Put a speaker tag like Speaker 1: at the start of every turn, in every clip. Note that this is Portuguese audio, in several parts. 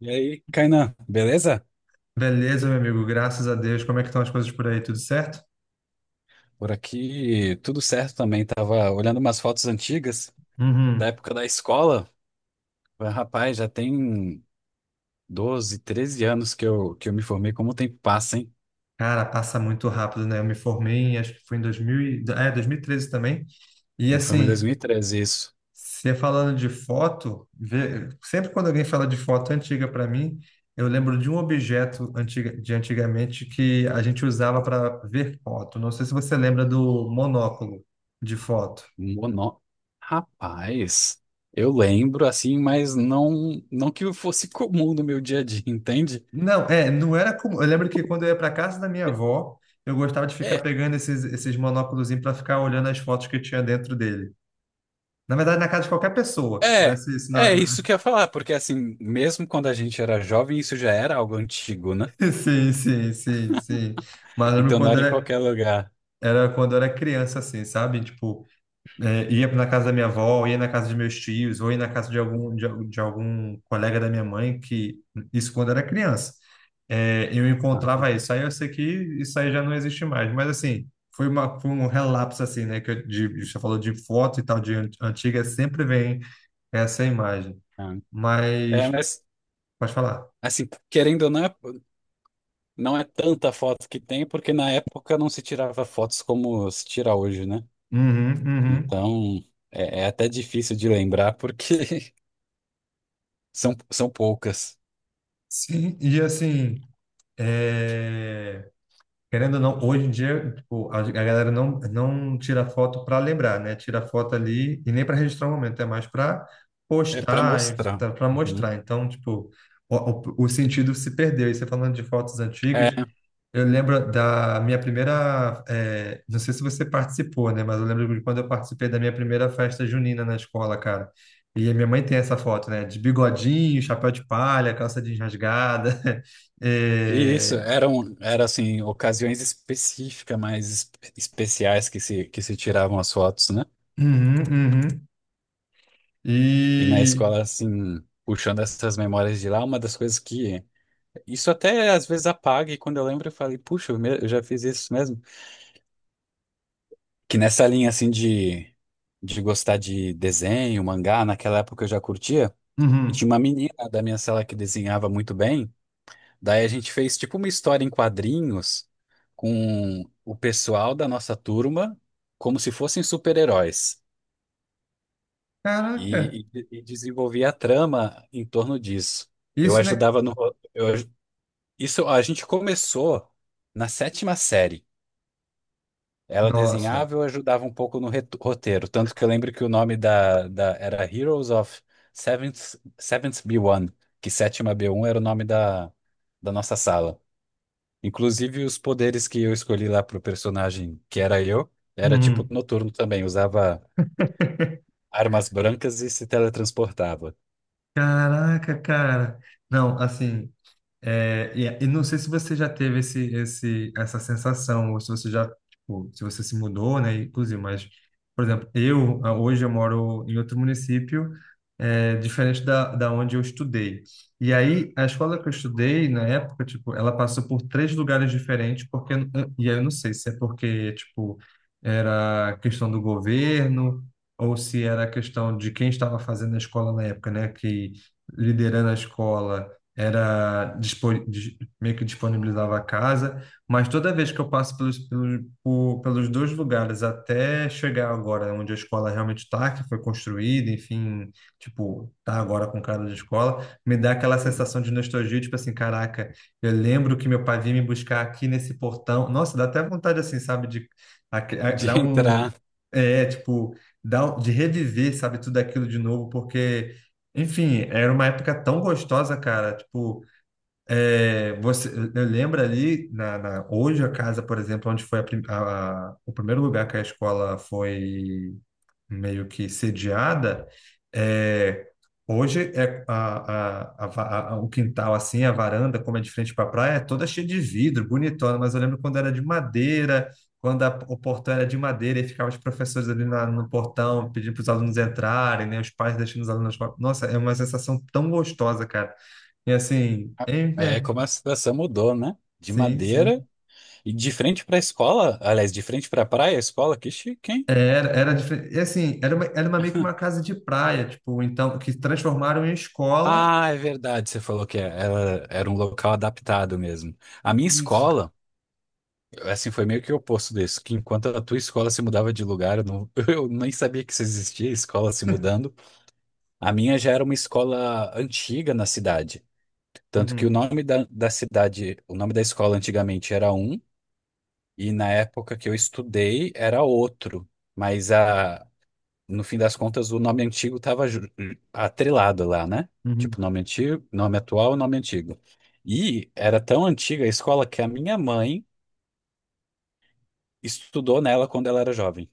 Speaker 1: E aí, Kainan, beleza?
Speaker 2: Beleza, meu amigo, graças a Deus. Como é que estão as coisas por aí? Tudo certo?
Speaker 1: Por aqui tudo certo também. Tava olhando umas fotos antigas da
Speaker 2: Uhum.
Speaker 1: época da escola. Mas, Rapaz, já tem 12, 13 anos que eu me formei. Como o tempo passa, hein?
Speaker 2: Cara, passa muito rápido, né? Eu me formei, em- Acho que foi em 2013 também. E
Speaker 1: Eu me formei em
Speaker 2: assim,
Speaker 1: 2013, isso.
Speaker 2: você falando de foto, sempre quando alguém fala de foto antiga para mim, eu lembro de um objeto antiga, de antigamente que a gente usava para ver foto. Não sei se você lembra do monóculo de foto.
Speaker 1: Mono... Rapaz, eu lembro assim, mas não que fosse comum no meu dia a dia, entende?
Speaker 2: Não, é, não era como. Eu lembro que quando eu ia para casa da minha avó, eu gostava de ficar
Speaker 1: É,
Speaker 2: pegando esses monóculos para ficar olhando as fotos que tinha dentro dele. Na verdade, na casa de qualquer pessoa que
Speaker 1: é,
Speaker 2: tivesse isso
Speaker 1: É isso que eu ia falar, porque assim, mesmo quando a gente era jovem, isso já era algo antigo, né?
Speaker 2: Sim, sim, sim, sim. Mas eu lembro
Speaker 1: Então não
Speaker 2: quando
Speaker 1: era em
Speaker 2: era,
Speaker 1: qualquer lugar.
Speaker 2: Era quando eu era criança, assim, sabe? Tipo, é, ia na casa da minha avó, ia na casa de meus tios, ou ia na casa de algum, de algum colega da minha mãe, que isso quando era criança. É, eu encontrava isso. Aí eu sei que isso aí já não existe mais. Mas assim, foi um relapso assim, né? Você falou de foto e tal, antiga, sempre vem essa imagem.
Speaker 1: Ah, é,
Speaker 2: Mas,
Speaker 1: mas
Speaker 2: pode falar.
Speaker 1: assim, querendo ou não, não é tanta foto que tem, porque na época não se tirava fotos como se tira hoje, né?
Speaker 2: Uhum, uhum.
Speaker 1: Então é até difícil de lembrar porque são poucas.
Speaker 2: Sim, e assim, é... Querendo ou não, hoje em dia, tipo, a galera não tira foto para lembrar, né? Tira foto ali e nem para registrar o momento, é mais para
Speaker 1: É para
Speaker 2: postar,
Speaker 1: mostrar.
Speaker 2: para
Speaker 1: Uhum.
Speaker 2: mostrar. Então, tipo, o, o sentido se perdeu. E você falando de fotos antigas,
Speaker 1: É,
Speaker 2: eu lembro da minha primeira. Eh, não sei se você participou, né? Mas eu lembro de quando eu participei da minha primeira festa junina na escola, cara. E a minha mãe tem essa foto, né? De bigodinho, chapéu de palha, calça jeans rasgada.
Speaker 1: e isso
Speaker 2: eh,
Speaker 1: eram assim ocasiões específicas, mais especiais que se tiravam as fotos, né?
Speaker 2: uhum, uhum.
Speaker 1: E na
Speaker 2: E.
Speaker 1: escola assim, puxando essas memórias de lá, uma das coisas. Que Isso até às vezes apaga, e quando eu lembro, eu falei, puxa, eu já fiz isso mesmo. Que nessa linha assim de gostar de desenho, mangá, naquela época eu já curtia, e tinha
Speaker 2: Uhum.
Speaker 1: uma menina da minha sala que desenhava muito bem. Daí a gente fez tipo uma história em quadrinhos com o pessoal da nossa turma, como se fossem super-heróis,
Speaker 2: Caraca,
Speaker 1: e desenvolvia a trama em torno disso. Eu
Speaker 2: isso, né?
Speaker 1: ajudava no. ro- Eu, aj- isso a gente começou na sétima série. Ela
Speaker 2: Nossa.
Speaker 1: desenhava e eu ajudava um pouco no roteiro. Tanto que eu lembro que o nome da era Heroes of Seventh B1, que 7B1 era o nome da nossa sala. Inclusive, os poderes que eu escolhi lá pro personagem, que era eu, era tipo
Speaker 2: Uhum.
Speaker 1: noturno também. Usava armas brancas e se teletransportava.
Speaker 2: Caraca, cara. Não, assim. É, e não sei se você já teve essa sensação, ou se você já, tipo, se você se mudou, né, inclusive, mas, por exemplo, eu, ah, hoje eu moro em outro município, é, diferente da onde eu estudei. E aí, a escola que eu estudei, na época, tipo, ela passou por três lugares diferentes, porque, e aí eu não sei se é porque, tipo, era questão do governo, ou se era questão de quem estava fazendo a escola na época, né, que liderando a escola era meio que disponibilizava a casa, mas toda vez que eu passo pelos dois lugares até chegar agora onde a escola realmente está, que foi construída, enfim, tipo, tá agora com cara de escola, me dá aquela sensação de nostalgia, tipo assim, caraca, eu lembro que meu pai vinha me buscar aqui nesse portão. Nossa, dá até vontade assim, sabe, de
Speaker 1: De
Speaker 2: dar um
Speaker 1: entrar,
Speaker 2: é, tipo, de reviver, sabe, tudo aquilo de novo, porque enfim, era uma época tão gostosa, cara. Tipo, é, você, eu lembro ali, hoje a casa, por exemplo, onde foi a prim- a- o primeiro lugar que a escola foi meio que sediada, é, hoje é o quintal assim, a varanda, como é de frente para a praia, é toda cheia de vidro, bonitona, mas eu lembro quando era de madeira, quando o portão era de madeira e ficavam os professores ali no portão pedindo para os alunos entrarem, né, os pais deixando os alunos fora. Nossa, é uma sensação tão gostosa, cara. E assim,
Speaker 1: é como a situação mudou, né? De
Speaker 2: sim,
Speaker 1: madeira
Speaker 2: sim.
Speaker 1: e de frente para a escola, aliás, de frente para a praia, a escola, que chique, hein?
Speaker 2: Era, era diferente. E assim, era uma meio que uma casa de praia, tipo, então, que transformaram em escola.
Speaker 1: Ah, é verdade, você falou que ela era um local adaptado mesmo. A minha escola, assim, foi meio que o oposto disso, que enquanto a tua escola se mudava de lugar, eu, não, eu nem sabia que isso existia, escola se mudando. A minha já era uma escola antiga na cidade, tanto que o
Speaker 2: Uhum,
Speaker 1: nome da cidade, o nome da escola antigamente era um, e na época que eu estudei era outro, mas a no fim das contas, o nome antigo estava atrelado lá, né?
Speaker 2: uhum.
Speaker 1: Tipo, nome antigo, nome atual, nome antigo. E era tão antiga a escola que a minha mãe estudou nela quando ela era jovem.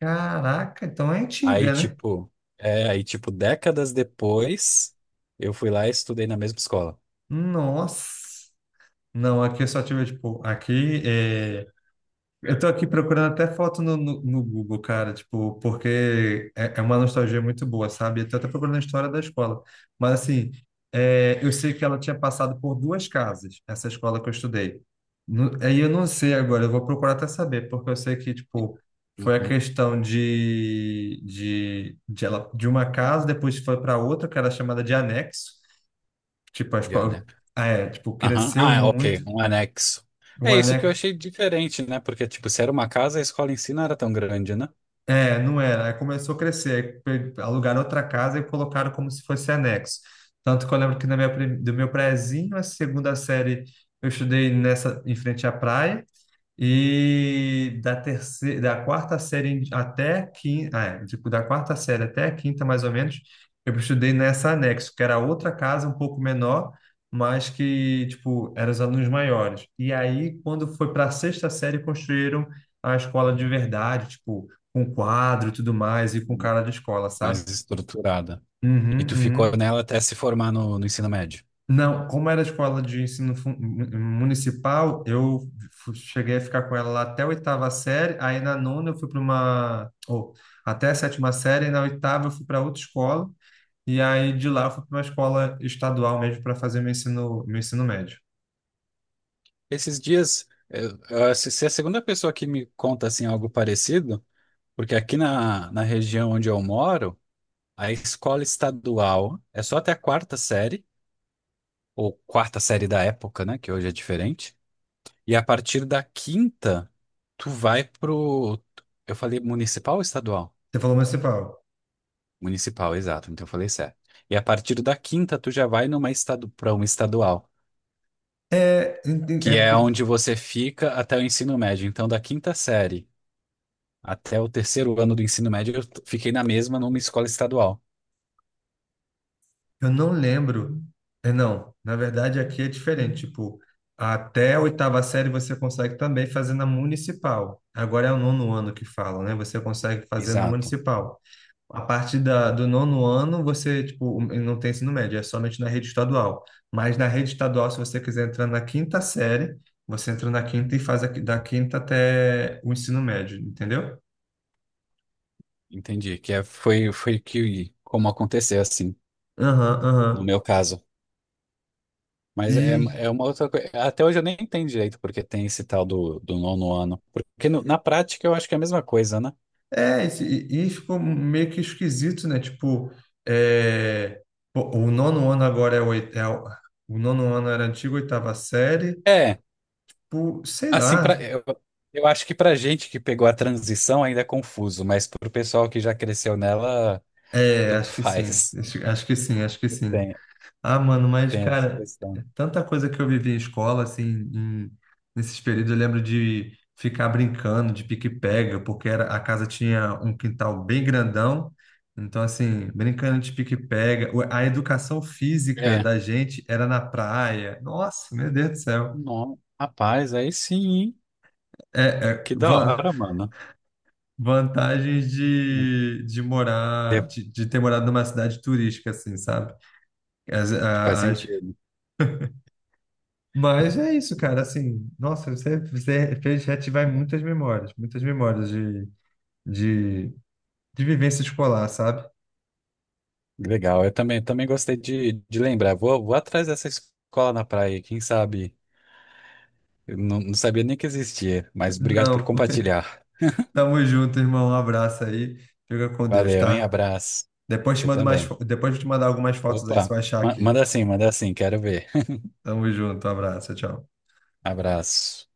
Speaker 2: Caraca, então é
Speaker 1: Aí,
Speaker 2: antiga, né?
Speaker 1: tipo, décadas depois, eu fui lá e estudei na mesma escola.
Speaker 2: Nossa. Não, aqui eu só tive, tipo, aqui eh, eu tô aqui procurando até foto no Google, cara, tipo, porque é uma nostalgia muito boa, sabe? Eu tô até procurando a história da escola. Mas, assim, é, eu sei que ela tinha passado por duas casas, essa escola que eu estudei. No- aí eu não sei agora, eu vou procurar até saber, porque eu sei que, tipo, foi a
Speaker 1: Uhum,
Speaker 2: questão de uma casa, depois foi para outra, que era chamada de anexo. Tipo, a
Speaker 1: já,
Speaker 2: escola,
Speaker 1: né?
Speaker 2: ah, é, tipo,
Speaker 1: Aham.
Speaker 2: cresceu
Speaker 1: Ah, é,
Speaker 2: muito.
Speaker 1: ok, um anexo.
Speaker 2: Um
Speaker 1: É isso que eu
Speaker 2: anexo.
Speaker 1: achei diferente, né? Porque, tipo, se era uma casa, a escola em si não era tão grande, né?
Speaker 2: É, não era. Aí começou a crescer. Alugaram outra casa e colocaram como se fosse anexo. Tanto que eu lembro que do meu prézinho, a segunda série, eu estudei nessa, em frente à praia. E da quarta série até a quinta, ah, é, tipo, da quarta série até a quinta, mais ou menos, eu estudei nessa anexo, que era outra casa um pouco menor, mas que, tipo, eram os alunos maiores. E aí, quando foi para a sexta série, construíram a escola de verdade, tipo, com quadro e tudo mais, e com
Speaker 1: Hum.
Speaker 2: cara de escola,
Speaker 1: Mais
Speaker 2: sabe?
Speaker 1: estruturada. E
Speaker 2: Uhum,
Speaker 1: tu ficou
Speaker 2: uhum.
Speaker 1: nela até se formar no ensino médio.
Speaker 2: Não, como era escola de municipal, cheguei a ficar com ela lá até a oitava série, aí na nona eu fui para uma, ou até a sétima série, e na oitava eu fui para outra escola, e aí de lá eu fui para uma escola estadual mesmo para fazer meu ensino médio.
Speaker 1: Esses dias, se é a segunda pessoa que me conta assim algo parecido, porque aqui na região onde eu moro, a escola estadual é só até a quarta série, ou quarta série da época, né, que hoje é diferente. E a partir da quinta, tu vai pro... Eu falei municipal ou estadual?
Speaker 2: Você falou municipal.
Speaker 1: Municipal, exato. Então eu falei certo. E a partir da quinta, tu já vai para uma estadual,
Speaker 2: É,
Speaker 1: que
Speaker 2: é
Speaker 1: é
Speaker 2: porque
Speaker 1: onde você fica até o ensino médio. Então, da quinta série até o terceiro ano do ensino médio, fiquei na mesma numa escola estadual.
Speaker 2: eu não lembro. É, não, na verdade aqui é diferente. Tipo, até a oitava série você consegue também fazer na municipal. Agora é o nono ano que falam, né? Você consegue fazer na
Speaker 1: Exato,
Speaker 2: municipal. A partir do nono ano, você, tipo, não tem ensino médio, é somente na rede estadual. Mas na rede estadual, se você quiser entrar na quinta série, você entra na quinta e da quinta até o ensino médio, entendeu?
Speaker 1: entendi. Que é, foi que como aconteceu assim,
Speaker 2: Aham,
Speaker 1: no
Speaker 2: aham.
Speaker 1: meu caso. Mas é,
Speaker 2: E
Speaker 1: é uma outra coisa. Até hoje eu nem entendo direito porque tem esse tal do nono ano. Porque na prática eu acho que é a mesma coisa, né?
Speaker 2: é, e ficou meio que esquisito, né? Tipo, é, pô, o nono ano agora é o nono ano era a antiga oitava série,
Speaker 1: É,
Speaker 2: por, sei
Speaker 1: assim,
Speaker 2: lá.
Speaker 1: eu acho que pra gente que pegou a transição ainda é confuso, mas pro pessoal que já cresceu nela,
Speaker 2: É,
Speaker 1: tanto
Speaker 2: acho que sim,
Speaker 1: faz.
Speaker 2: acho que sim, acho que sim. Ah, mano, mas,
Speaker 1: Tem essa
Speaker 2: cara,
Speaker 1: questão.
Speaker 2: é tanta coisa que eu vivi em escola, assim, em- nesses períodos, eu lembro de ficar brincando de pique-pega, porque era, a casa tinha um quintal bem grandão, então, assim, brincando de pique-pega, a educação física
Speaker 1: É,
Speaker 2: da gente era na praia, nossa, meu Deus do céu.
Speaker 1: não, rapaz, aí sim, hein?
Speaker 2: É, é,
Speaker 1: Que da
Speaker 2: van-
Speaker 1: hora, mano.
Speaker 2: vantagens de
Speaker 1: É,
Speaker 2: morar, de ter morado numa cidade turística, assim, sabe?
Speaker 1: faz
Speaker 2: As
Speaker 1: sentido.
Speaker 2: mas é isso, cara. Assim, nossa, você, você fez reativar muitas memórias de, de vivência escolar, sabe?
Speaker 1: Legal, eu também gostei de lembrar. Vou atrás dessa escola na praia, quem sabe? Eu não sabia nem que existia, mas obrigado por
Speaker 2: Não,
Speaker 1: compartilhar.
Speaker 2: tamo junto, irmão. Um abraço aí. Fica com Deus,
Speaker 1: Valeu, hein?
Speaker 2: tá?
Speaker 1: Abraço.
Speaker 2: Depois te
Speaker 1: Você
Speaker 2: mando mais,
Speaker 1: também.
Speaker 2: depois eu te mandar algumas fotos aí, você
Speaker 1: Opa,
Speaker 2: vai achar aqui.
Speaker 1: manda assim, quero ver.
Speaker 2: Tamo junto, um abraço, tchau.
Speaker 1: Abraço.